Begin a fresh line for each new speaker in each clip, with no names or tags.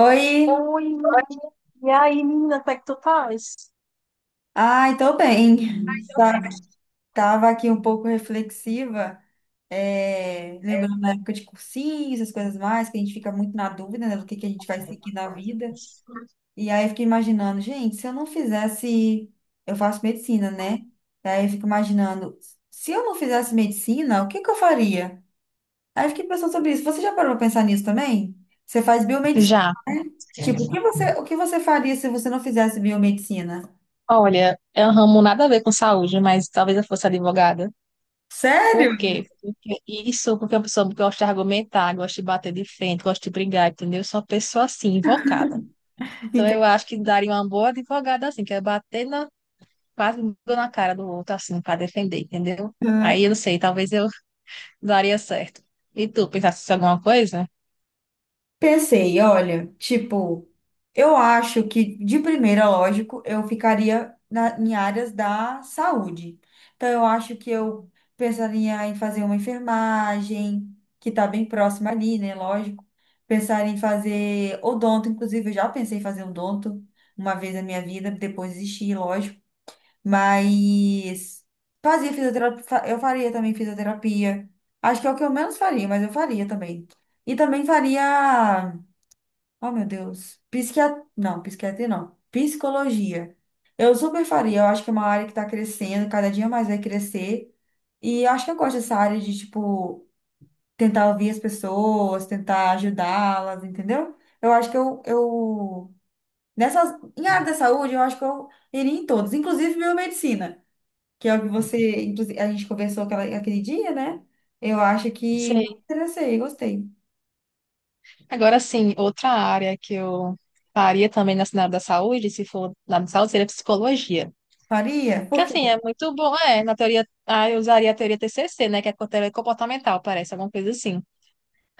Oi,
Oi, e aí, menina, como é que tu faz?
ai, tô bem. Tá- Tava aqui um pouco reflexiva, lembrando da época de cursinho, essas coisas mais, que a gente fica muito na dúvida, né, do que a gente vai seguir na vida. E aí eu fiquei imaginando, gente, se eu não fizesse, eu faço medicina, né? E aí eu fico imaginando, se eu não fizesse medicina, o que que eu faria? Aí eu fiquei pensando sobre isso. Você já parou pra pensar nisso também? Você faz biomedicina,
Já.
né? Tipo, o que você faria se você não fizesse biomedicina?
Olha, é um ramo nada a ver com saúde, mas talvez eu fosse advogada.
Sério?
Por quê? Porque isso, porque é uma pessoa que gosta de argumentar, gosta de bater de frente, gosta de brigar, entendeu? Eu sou uma pessoa assim, invocada. Então eu acho que daria uma boa advogada assim, que é bater na, quase na cara do outro assim, para defender, entendeu?
Uhum.
Aí eu não sei, talvez eu daria certo. E tu, pensasse em alguma coisa?
Pensei, olha, tipo, eu acho que de primeira, lógico, eu ficaria em áreas da saúde. Então, eu acho que eu pensaria em fazer uma enfermagem, que está bem próxima ali, né? Lógico. Pensaria em fazer odonto, inclusive, eu já pensei em fazer odonto uma vez na minha vida, depois desisti, lógico. Mas fazia fisioterapia, eu faria também fisioterapia. Acho que é o que eu menos faria, mas eu faria também. E também faria, oh meu Deus, psiquiatria não, psicologia. Eu super faria, eu acho que é uma área que tá crescendo, cada dia mais vai crescer. E eu acho que eu gosto dessa área de, tipo, tentar ouvir as pessoas, tentar ajudá-las, entendeu? Eu acho que eu nessas, em área da saúde, eu acho que eu iria em todas, inclusive biomedicina que é o que você, inclusive, a gente conversou aquele dia, né? Eu acho que me
Sei.
interessei, gostei.
Agora sim, outra área que eu faria também na área da saúde, se for lá na da saúde, seria psicologia.
Faria?
Que
Por quê?
assim, é muito bom, é, na teoria, eu usaria a teoria TCC, né, que é a teoria comportamental, parece, alguma coisa assim.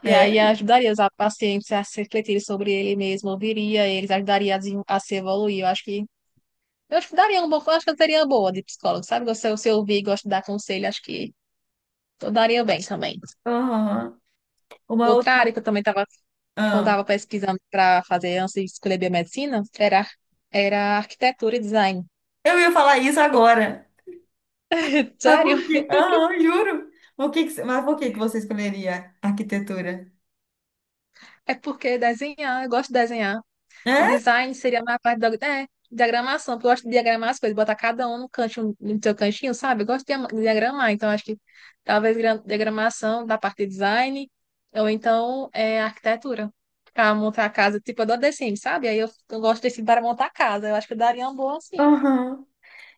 E aí
É?
ajudaria os pacientes a se refletirem sobre ele mesmo, ouviria eles, ajudaria a, a se evoluir. Eu acho que daria um bom, eu acho que eu teria uma boa de psicólogo, sabe? Se eu ouvir, gosto de dar conselho, acho que eu daria bem também.
Aham. Uma
Outra
outra.
área que eu também tava, que eu
Ah.
andava pesquisando para fazer antes de escolher biomedicina era arquitetura e design.
Eu ia falar isso agora. Mas
Sério?
por quê? Aham, juro. Por que que você- Mas por que que você escolheria arquitetura?
É porque desenhar, eu gosto de desenhar. E
É?
design seria mais a parte da diagramação, porque eu gosto de diagramar as coisas, botar cada um no cantinho, no seu cantinho, sabe? Eu gosto de diagramar, então acho que talvez diagramação da parte de design, ou então arquitetura. Pra montar a casa, tipo, eu dou The Sims, sabe? Aí eu gosto desse para montar a casa. Eu acho que eu daria um bom, assim,
Aham.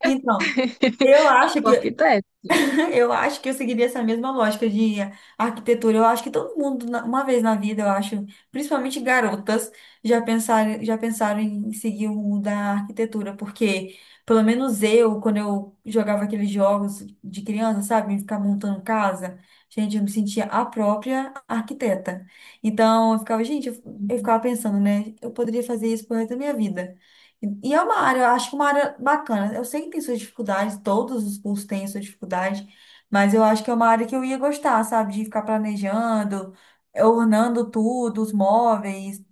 Então, eu
um
acho que
arquiteto.
eu acho que eu seguiria essa mesma lógica de arquitetura. Eu acho que todo mundo, uma vez na vida, eu acho, principalmente garotas, já pensaram em seguir o rumo da arquitetura, porque pelo menos eu, quando eu jogava aqueles jogos de criança, sabe, ficar montando casa, gente, eu me sentia a própria arquiteta. Então, eu ficava, gente, eu ficava pensando, né, eu poderia fazer isso pro resto da minha vida. E é uma área, eu acho que uma área bacana. Eu sei que tem suas dificuldades, todos os cursos têm suas dificuldades, mas eu acho que é uma área que eu ia gostar, sabe? De ficar planejando, ornando tudo, os móveis.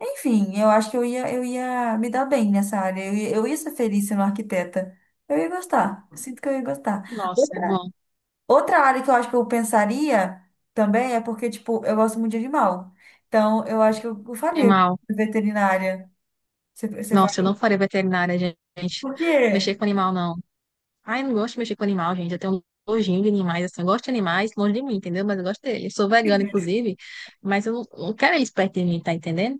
Enfim, eu acho que eu ia me dar bem nessa área. Eu ia ser feliz sendo arquiteta. Eu ia gostar. Sinto que eu ia gostar.
Nossa, é
Outra,
bom.
outra área que eu acho que eu pensaria também é porque, tipo, eu gosto muito de animal. Então, eu acho que eu faria
Animal.
veterinária. Você
Nossa, eu não
faria?
farei veterinária, gente.
Por quê?
Mexer com animal, não. Ai, eu não gosto de mexer com animal, gente. Eu tenho um nojinho de animais, assim. Eu gosto de animais longe de mim, entendeu? Mas eu gosto deles. Eu sou vegana, inclusive, mas eu não quero eles perto de mim, tá entendendo?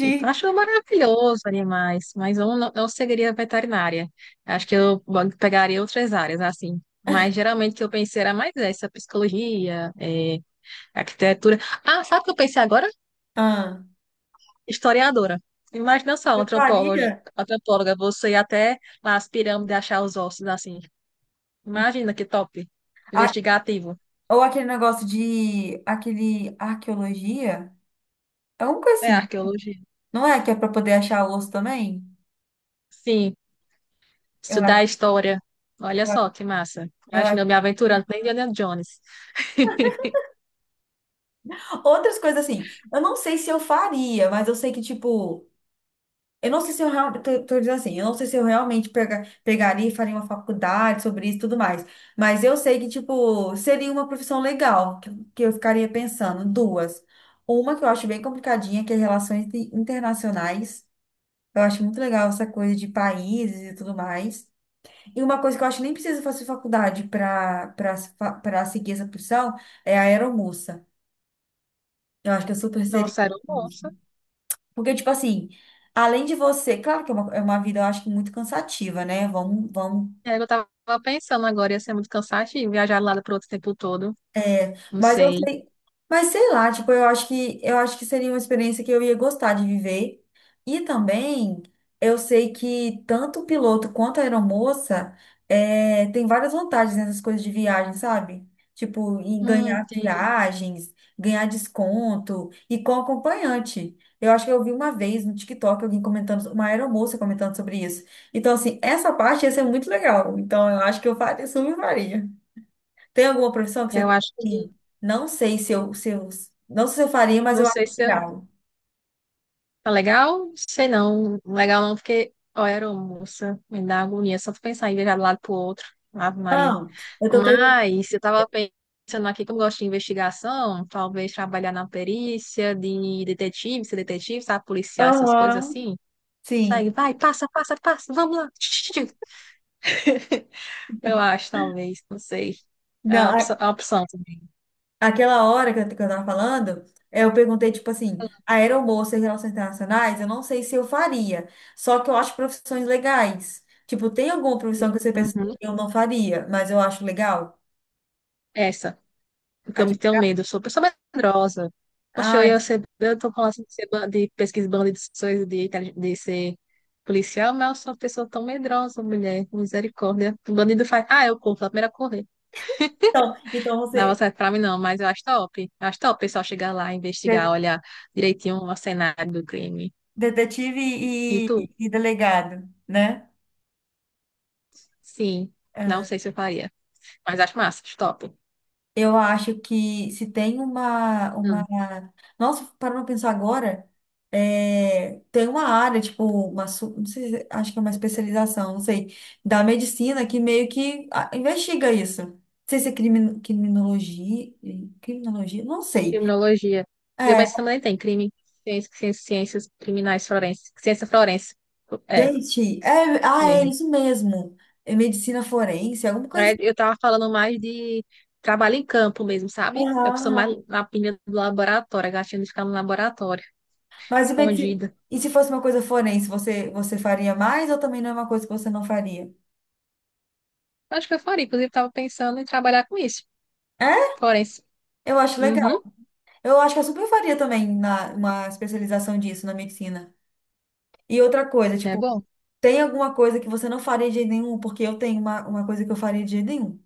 Tipo, eu acho maravilhoso animais, mas eu não, não seguiria veterinária. Acho que eu pegaria outras áreas, assim. Mas geralmente o que eu pensei era mais essa, psicologia, arquitetura. Ah, sabe o que eu pensei agora?
Ah,
Historiadora. Imagina só,
eu
antropóloga,
faria.
antropóloga, você ir até lá as pirâmides achar os ossos assim. Imagina que top. Investigativo.
Ou aquele negócio de. Aquele. Arqueologia? É uma coisa
É
assim.
arqueologia.
Não é que é para poder achar osso também?
Sim,
Eu
estudar
acho.
história. Olha
Eu acho.
só que massa.
Eu
Imagina
acho.
eu me aventurando que nem Indiana Jones.
Outras coisas assim. Eu não sei se eu faria, mas eu sei que, tipo, eu não sei se eu realmente. Tô dizendo assim. Eu não sei se eu realmente pegaria e faria uma faculdade sobre isso e tudo mais. Mas eu sei que, tipo, seria uma profissão legal. Que eu ficaria pensando. Duas. Uma que eu acho bem complicadinha, que é relações internacionais. Eu acho muito legal essa coisa de países e tudo mais. E uma coisa que eu acho que nem precisa fazer faculdade para seguir essa profissão é a aeromoça. Eu acho que eu super
Nossa,
seria.
era um monstro.
Porque, tipo assim, além de você, claro que é uma vida, eu acho que muito cansativa, né? Vamos.
É, eu tava pensando agora, ia ser muito cansativo viajar lá para outro tempo todo.
É,
Não
mas eu
sei.
sei, mas sei lá, tipo, eu acho que seria uma experiência que eu ia gostar de viver. E também eu sei que tanto o piloto quanto a aeromoça tem várias vantagens nessas coisas de viagem, sabe? Tipo, em ganhar
Entendi.
viagens, ganhar desconto e com acompanhante. Eu acho que eu vi uma vez no TikTok alguém comentando, uma aeromoça comentando sobre isso. Então, assim, essa parte ia ser muito legal. Então, eu acho que eu faria, super faria. Tem alguma profissão que você
Eu
pensa
acho
assim?
que.
Não sei se eu, se eu, não sei se eu faria, mas
Não
eu acho
sei se eu.
legal.
Tá legal? Sei não. Legal não, porque, ó, era moça, me dá agonia só de pensar em viajar de um lado pro outro. Ave Maria.
Não, eu tô perguntando.
Mas eu tava pensando aqui, como eu gosto de investigação, talvez trabalhar na perícia de detetive, ser detetive, sabe, policial, essas coisas
Aham,
assim.
sim.
Segue, vai, passa, passa, passa, vamos lá. Eu acho, talvez, não sei.
Não, a-
É uma opção também.
aquela hora que eu tava falando, eu perguntei, tipo assim, aeromoça e relações internacionais, eu não sei se eu faria. Só que eu acho profissões legais. Tipo, tem alguma profissão que você pensa que
Uhum.
eu não faria, mas eu acho legal?
Essa. Porque
Ah,
eu
tipo,
tenho medo, eu sou uma pessoa medrosa. Poxa, eu
ah,
ia ser, eu tô falando assim de, ser, de pesquisa de banda de sonhos, de, de ser policial, mas eu sou uma pessoa tão medrosa, mulher, misericórdia. O bandido faz, eu corro, sou a primeira a correr.
então, então
Não,
você,
você pra mim não, mas eu acho top. Eu acho top o pessoal chegar lá, investigar,
de-
olhar direitinho o cenário do crime.
detetive
E tu?
e delegado, né?
Sim, não
Ah.
sei se eu faria, mas acho massa, acho top.
Eu acho que se tem uma... Nossa, para não pensar agora, é, tem uma área, tipo, não sei, acho que é uma especialização, não sei, da medicina que meio que ah, investiga isso. Não sei se é criminologia, criminologia, não sei.
Criminologia. Viu?
É,
Mas também tem crime, ciências, criminais forenses, ciência forense. É,
gente, é, ah, é
mesmo.
isso mesmo. É medicina forense, alguma coisa
É,
assim.
eu tava falando mais de trabalho em campo mesmo, sabe? Eu
Aham,
sou mais
aham.
na pilha do laboratório, a gatinha de ficar no laboratório,
Mas e, medici-
escondida.
e se fosse uma coisa forense, você faria mais, ou também não é uma coisa que você não faria?
Acho que eu faria, inclusive tava pensando em trabalhar com isso,
É?
forense.
Eu acho legal.
Uhum,
Eu acho que eu super faria também na, uma especialização disso na medicina. E outra coisa,
é
tipo,
bom.
tem alguma coisa que você não faria de jeito nenhum? Porque eu tenho uma coisa que eu faria de jeito nenhum.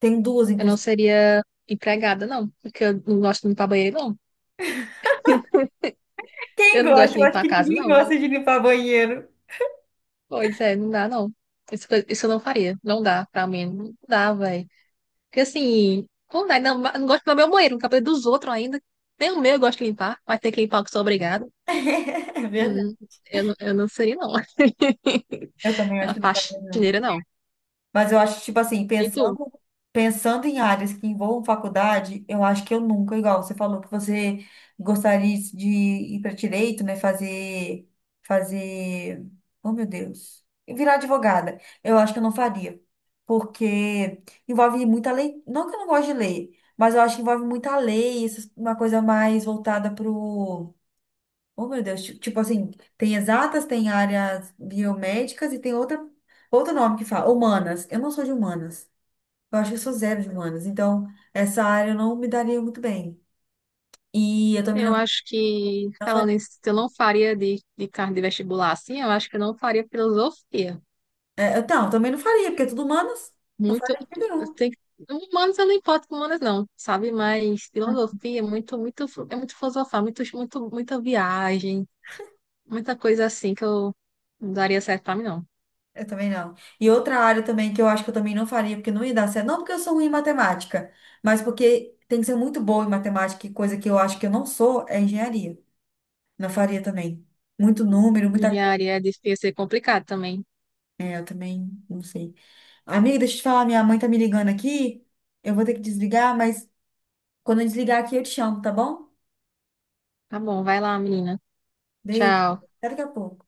Tem duas,
Eu não
inclusive.
seria empregada, não, porque eu não gosto de limpar banheiro, não.
Quem
Eu não gosto
gosta?
de
Eu acho
limpar a
que
casa,
ninguém
não.
gosta de limpar banheiro.
Pois é, não dá não. Isso eu não faria. Não dá pra mim. Não dá, velho. Porque assim, não dá. Não, não gosto do meu banheiro, no cabelo dos outros ainda. Nem o meu eu gosto de limpar, mas tem que limpar que sou obrigada.
É
Hum,
verdade.
eu não seria, não.
Eu também acho
A
que não faria.
faxineira, não.
Mas eu acho, tipo assim,
E tu?
pensando em áreas que envolvam faculdade, eu acho que eu nunca, igual você falou que você gostaria de ir para direito, né? Fazer, oh meu Deus, virar advogada. Eu acho que eu não faria, porque envolve muita lei. Não que eu não gosto de lei, mas eu acho que envolve muita lei, essas- uma coisa mais voltada para oh, meu Deus, tipo assim, tem exatas, tem áreas biomédicas e tem outro nome que fala, humanas. Eu não sou de humanas. Eu acho que eu sou zero de humanas. Então, essa área eu não me daria muito bem. E eu também
Eu
não,
acho que,
não faria.
falando isso, eu não faria de carne de vestibular assim, eu acho que eu não faria filosofia.
É, eu, não, eu também não faria, porque é tudo humanas. Não
Muito.
faria de jeito nenhum.
Tem, humanas eu não importo com humanas, não, sabe? Mas
Ah,
filosofia é muito, muito, é muito filosofar, muito, muito, muita viagem, muita coisa assim que eu não daria certo pra mim, não.
eu também não. E outra área também que eu acho que eu também não faria, porque não ia dar certo. Não porque eu sou ruim em matemática, mas porque tem que ser muito boa em matemática, e coisa que eu acho que eu não sou é engenharia. Não faria também. Muito número, muita...
Engenharia é difícil, é complicado também.
É, eu também não sei. Amiga, deixa eu te falar, minha mãe tá me ligando aqui. Eu vou ter que desligar, mas quando eu desligar aqui eu te chamo, tá bom?
Tá bom, vai lá, menina.
Beijo.
Tchau.
Até daqui a pouco.